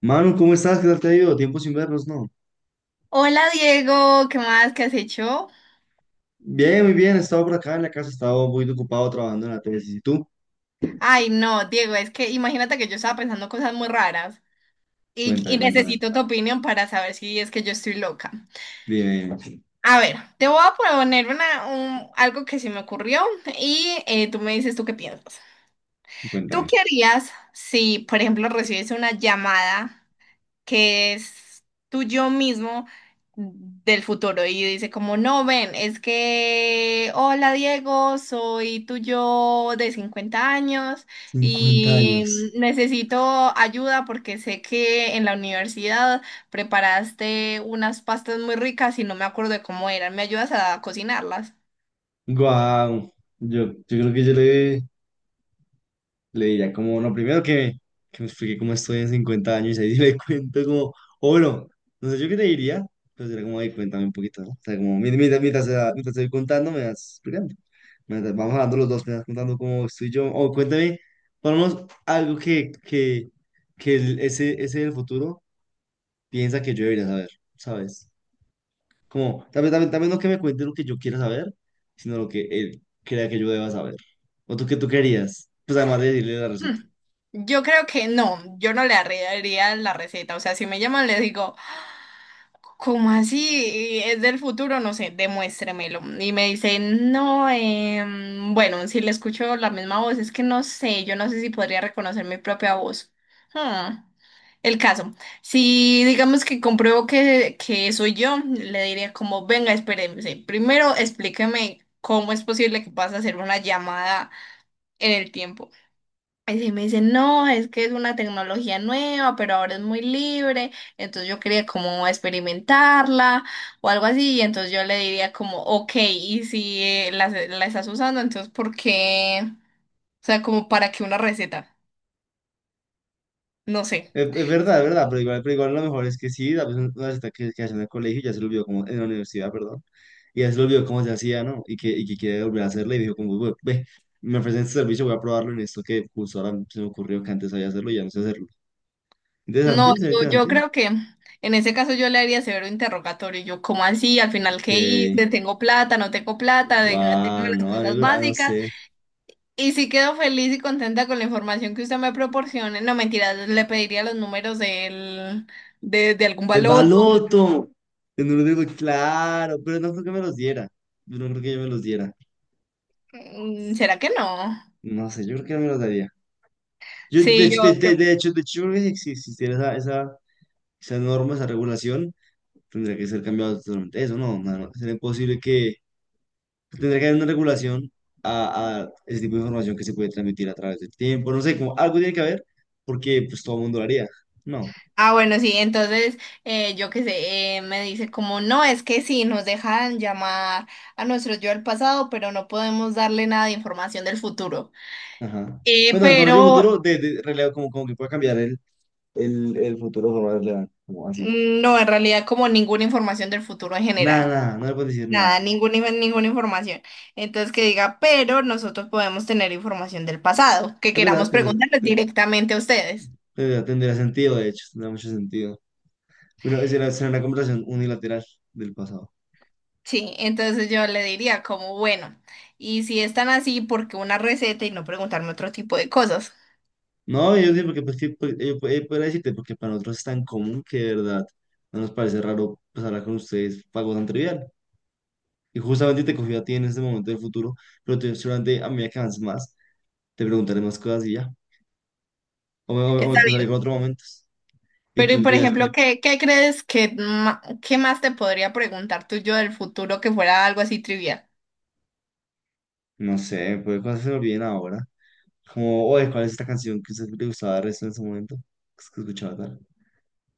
Manu, ¿cómo estás? ¿Qué tal te ha ido? Tiempo sin vernos, ¿no? Hola Diego, ¿qué más? ¿Qué has hecho? Bien, muy bien. He estado por acá en la casa, he estado un poquito ocupado trabajando en la tesis. ¿Y tú? Ay, no, Diego, es que imagínate que yo estaba pensando cosas muy raras y, Cuéntame, y cuéntame. necesito tu opinión para saber si es que yo estoy loca. Dime, dime, A ver, te voy a poner algo que se me ocurrió y tú me dices tú qué piensas. ¿Tú cuéntame. qué harías si, por ejemplo, recibes una llamada que es tu yo mismo del futuro y dice como, no, ven, es que, hola Diego, soy tu yo de 50 años Cincuenta y años. necesito ayuda porque sé que en la universidad preparaste unas pastas muy ricas y no me acuerdo de cómo eran? ¿Me ayudas a cocinarlas? Guau. Yo creo que yo le, le diría como, no, primero que me explique cómo estoy en 50 años y ahí le cuento como, o bueno, no sé yo qué te diría, pero sería como, ahí cuéntame un poquito, ¿no? O sea, como, mientras te voy contando, me vas explicando. Mientras vamos hablando los dos, me vas contando cómo estoy yo, o cuéntame, ponemos algo que ese del futuro piensa que yo debería saber, ¿sabes? Como, también no que me cuente lo que yo quiera saber, sino lo que él crea que yo deba saber. ¿O tú qué tú querías? Pues además de decirle la receta. Hmm. Yo creo que no, yo no le arreglaría la receta, o sea, si me llaman les digo... ¿Cómo así? ¿Es del futuro? No sé, demuéstremelo. Y me dice, no, bueno, si le escucho la misma voz, es que no sé, yo no sé si podría reconocer mi propia voz. Hmm. El caso, si digamos que compruebo que, soy yo, le diría como, venga, espérese, primero explíqueme cómo es posible que pase a hacer una llamada en el tiempo. Y sí me dicen, no, es que es una tecnología nueva, pero ahora es muy libre, entonces yo quería como experimentarla o algo así, y entonces yo le diría como, ok, y si la estás usando, entonces ¿por qué? O sea, como para qué una receta, no sé. Es verdad, es verdad, pero igual lo mejor es que sí, la persona que hace en el colegio ya se lo olvidó como, en la universidad, perdón, y ya se lo olvidó cómo se hacía, ¿no? Y que quiere volver a hacerlo y dijo como, "Bueno, ve, me ofrecen este servicio, voy a probarlo en esto que justo ahora se me ocurrió que antes sabía hacerlo y ya no sé hacerlo". No, Interesante, será yo interesante. creo que en ese caso yo le haría severo interrogatorio, yo, ¿cómo así? Al final, Ok, ¿qué hice? ¿Tengo plata? ¿No tengo plata? Dígame, dígame guau las no, cosas amigo, ah, no básicas. sé. Y sí quedo feliz y contenta con la información que usted me proporcione. No, mentira, le pediría los números de algún ¡El baloto. baloto! Yo no lo digo, claro, pero no creo que me los diera. Yo no creo que yo me los diera. Mm, ¿será que no? No sé, yo creo que no me los daría. Yo, de Sí, hecho, yo, yo. De hecho, yo creo que si existiera esa esa norma, esa regulación, tendría que ser cambiado totalmente eso, ¿no? No, no, sería imposible que pues, tendría que haber una regulación a ese tipo de información que se puede transmitir a través del tiempo, no sé, como algo tiene que haber, porque pues todo el mundo lo haría, ¿no? Ah, bueno, sí, entonces, me dice como, no, es que sí, nos dejan llamar a nuestro yo del pasado, pero no podemos darle nada de información del futuro. Ajá. Eh, Bueno, el información del futuro, pero de relevo, como, como que pueda cambiar el futuro de forma relevante, como así. No, en realidad como ninguna información del futuro en Nada, general. nada, no le puedes decir Nada, nada. ninguna, ninguna información. Entonces que diga, pero nosotros podemos tener información del pasado, que Es verdad, queramos preguntarles te- directamente a ustedes. Tendrá sentido, de hecho, tendrá mucho sentido. Bueno, esa era una conversación unilateral del pasado. Sí, entonces yo le diría como, bueno, y si están así, ¿por qué una receta y no preguntarme otro tipo de cosas? No, yo sí, porque pues, sí, pues, pues, podría decirte, porque para nosotros es tan común que de verdad no nos parece raro pues, hablar con ustedes fue algo tan trivial. Y justamente te cogí a ti en este momento del futuro, seguramente a medida que avances más, te preguntaré más cosas y ya. O me Está cruzaré con bien. otros momentos. Y Pero, y tú por dirás ejemplo, como, ¿qué crees que, qué más te podría preguntar tú yo del futuro que fuera algo así trivial? no sé, pues cosas se me olviden ahora. Como, oye, ¿cuál es esta canción que a usted le gustaba de resto en ese momento? Que es que escuchaba tal.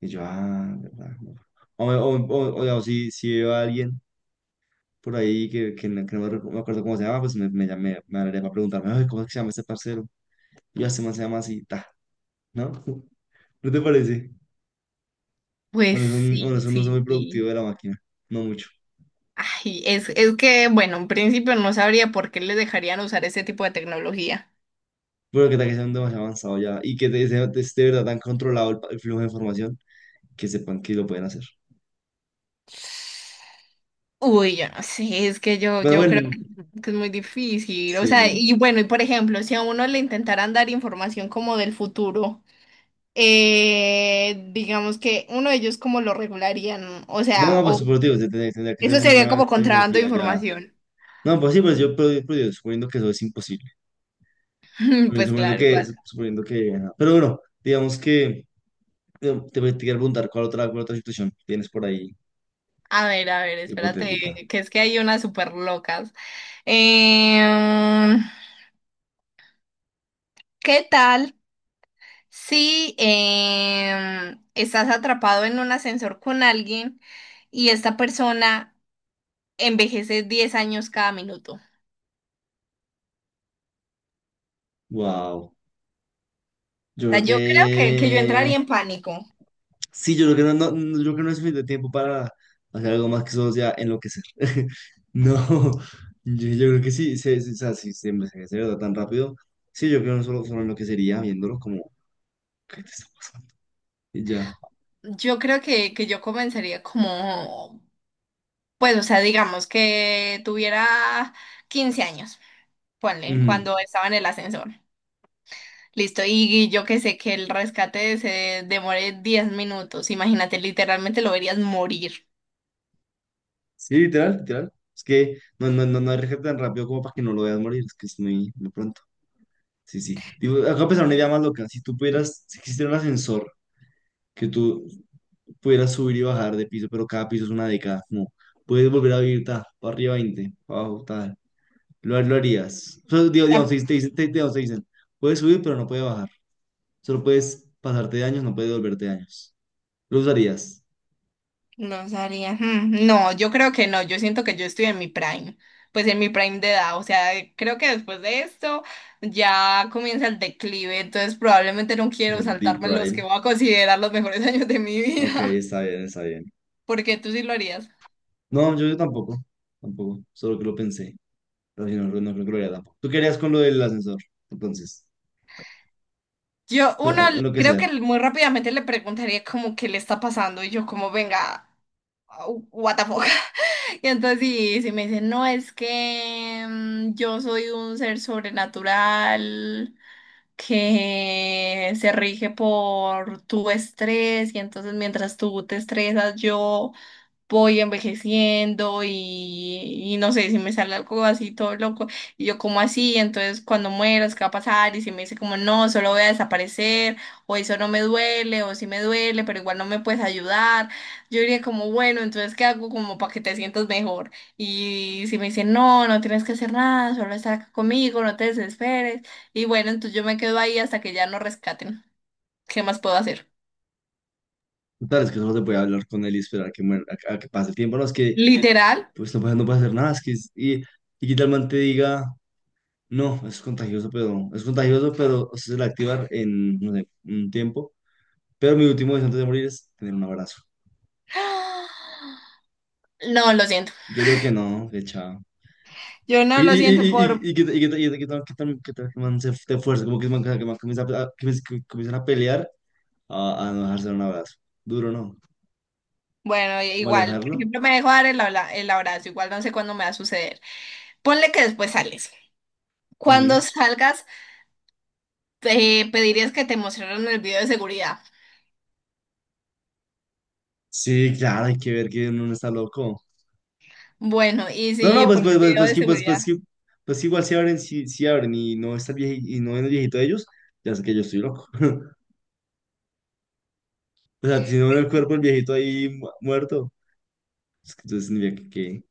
Y yo, ah, verdad, no. O, me- o si, veo a alguien por ahí que no me, me acuerdo cómo se llama, pues hablaría para preguntarme, "Ay, ¿cómo es que se llama este parcero? Yo este man se llama así, ta, ¿no?" ¿No te parece? Pues Bueno, sí, bueno, es un uso muy sí, productivo de sí. la máquina, no mucho. Ay, es que, bueno, en principio no sabría por qué les dejarían usar ese tipo de tecnología. Pero que tal que sea un demasiado avanzado ya y que esté de verdad tan controlado el flujo de información que sepan que lo pueden hacer. Uy, yo no sé, es que Pero yo creo bueno, que es muy difícil. O sí, sea, no. y bueno, y por ejemplo, si a uno le intentaran dar información como del futuro, digamos que uno de ellos como lo regularían, o No, sea, no, o pues, pero digo, tendría que ser eso sería una como contrabando de tecnología ya. información. No, pues sí, pues yo, pero yo suponiendo que eso es imposible. Pues claro, igual. Suponiendo que, ajá. Pero bueno, digamos que. Te quiero preguntar, ¿cuál otra situación tienes por ahí A ver, hipotética? espérate, que es que hay unas súper locas. Eh, ¿Qué tal si estás atrapado en un ascensor con alguien y esta persona envejece 10 años cada minuto? O Wow. Yo sea, creo yo creo que yo que... entraría en pánico. Sí, yo creo que yo creo que no es suficiente tiempo para hacer algo más que solo sea enloquecer. No, yo creo que sí, o sea, si se me da tan rápido, sí, yo creo que no solo enloquecería viéndolo como... ¿Qué te está pasando? Y ya. Yo creo que yo comenzaría como, pues, o sea, digamos que tuviera 15 años, ponle, Ujú. cuando estaba en el ascensor. Listo, y yo que sé que el rescate se demore 10 minutos. Imagínate, literalmente lo verías morir. Sí, literal, literal. Es que no hay rescate tan rápido como para que no lo veas morir, es que es muy, muy pronto. Sí, sí. Digo, acabo de pensar una idea más loca. Si tú pudieras, si existiera un ascensor que tú pudieras subir y bajar de piso, pero cada piso es una década, no. Puedes volver a vivir, ta, para arriba 20 para abajo, tal. Lo harías. O sea, digo, digamos, te dicen, puedes subir, pero no puedes bajar. Solo puedes pasarte de años, no puedes volverte de años. ¿Lo usarías? Los haría. Hmm, no, yo creo que no. Yo siento que yo estoy en mi prime. Pues en mi prime de edad. O sea, creo que después de esto ya comienza el declive. Entonces probablemente no quiero El Deep saltarme los que Prime. voy a considerar los mejores años de mi Ok, vida. está bien, está bien. Porque tú sí lo harías. No, yo tampoco. Tampoco. Solo que lo pensé. Pero si no, no creo que lo haría tampoco. ¿Tú qué harías con lo del ascensor? Entonces, Yo, uno, creo enloquecer. que muy rápidamente le preguntaría como qué le está pasando. Y yo como, venga, what the fuck. Y entonces si me dicen, no, es que yo soy un ser sobrenatural que se rige por tu estrés, y entonces mientras tú te estresas, yo voy envejeciendo y no sé, si me sale algo así todo loco, y yo como así, entonces cuando mueras, ¿qué va a pasar? Y si me dice como no, solo voy a desaparecer, o eso no me duele, o sí me duele, pero igual no me puedes ayudar, yo diría como bueno, entonces ¿qué hago como para que te sientas mejor? Y si me dice no, no tienes que hacer nada, solo estar acá conmigo, no te desesperes, y bueno, entonces yo me quedo ahí hasta que ya nos rescaten. ¿Qué más puedo hacer? Total, es que solo se puede hablar con él y esperar que muera, a que pase el tiempo. No, es que Literal. pues no puede hacer nada. Es que, y que tal man te diga, no, es contagioso, pero se suele activar en, no sé, un tiempo. Pero mi último deseo antes de morir es tener un abrazo. No, lo siento. Yo creo que no, que chao. Yo no lo siento Y que y que- y que- que tal que tal- que tal que man se te fuerza, como que man comienza que comienzan a pelear a no dejarse dar un abrazo. Duro, ¿no? bueno, Como igual, por alejarlo. ejemplo, me dejo dar el, el abrazo, igual no sé cuándo me va a suceder. Ponle que después sales. Cuando Ujú. salgas, te pedirías que te mostraran el video de seguridad. Sí, claro, hay que ver que uno no está loco. Bueno, y No, no, si pues, por el pues, video de pues, seguridad. Pues que igual si abren, si abren y no está el viejito, y no ven el viejito de ellos, ya sé que yo estoy loco. O sea, si no ven el cuerpo del viejito ahí muerto, es que entonces tendría que...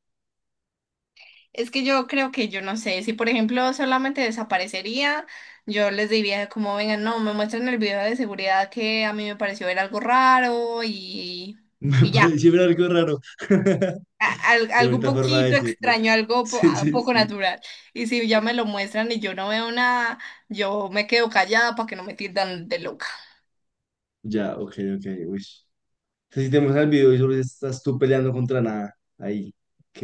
Es que yo creo que yo no sé, si por ejemplo solamente desaparecería, yo les diría como, vengan, no, me muestran el video de seguridad que a mí me pareció ver algo raro, y, Me y ya. pareció ver algo raro. Qué Algo un bonita forma de poquito decirlo. extraño, algo Sí, sí, poco sí. natural. Y si ya me lo muestran y yo no veo nada, yo me quedo callada para que no me tildan de loca. Ya, ok, ok, uy. Entonces, si te muestran el video y solo estás tú peleando contra nada, ahí, ok.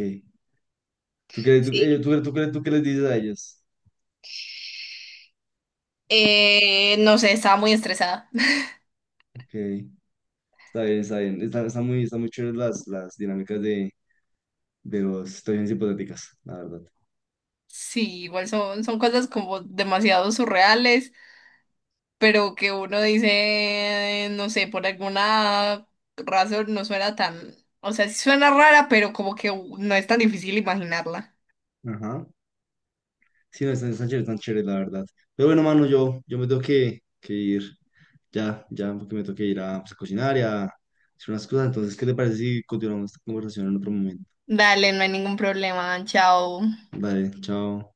¿Tú crees, tú, Sí, ellos- tú, crees tú, ¿crees tú qué les dices a ellos? No sé, estaba muy estresada. Ok, está bien, está bien. Está muy chévere las dinámicas de las situaciones hipotéticas, la verdad. Sí, igual son, son cosas como demasiado surreales, pero que uno dice, no sé, por alguna razón no suena tan, o sea, sí suena rara, pero como que no es tan difícil imaginarla. Ajá. Sí, no, están chéveres, la verdad. Pero bueno, mano, yo me tengo que ir ya, ya, porque me tengo que ir a, pues, a cocinar y a hacer unas cosas. Entonces, ¿qué te parece si continuamos esta conversación en otro momento? Dale, no hay ningún problema, chao. Dale, chao.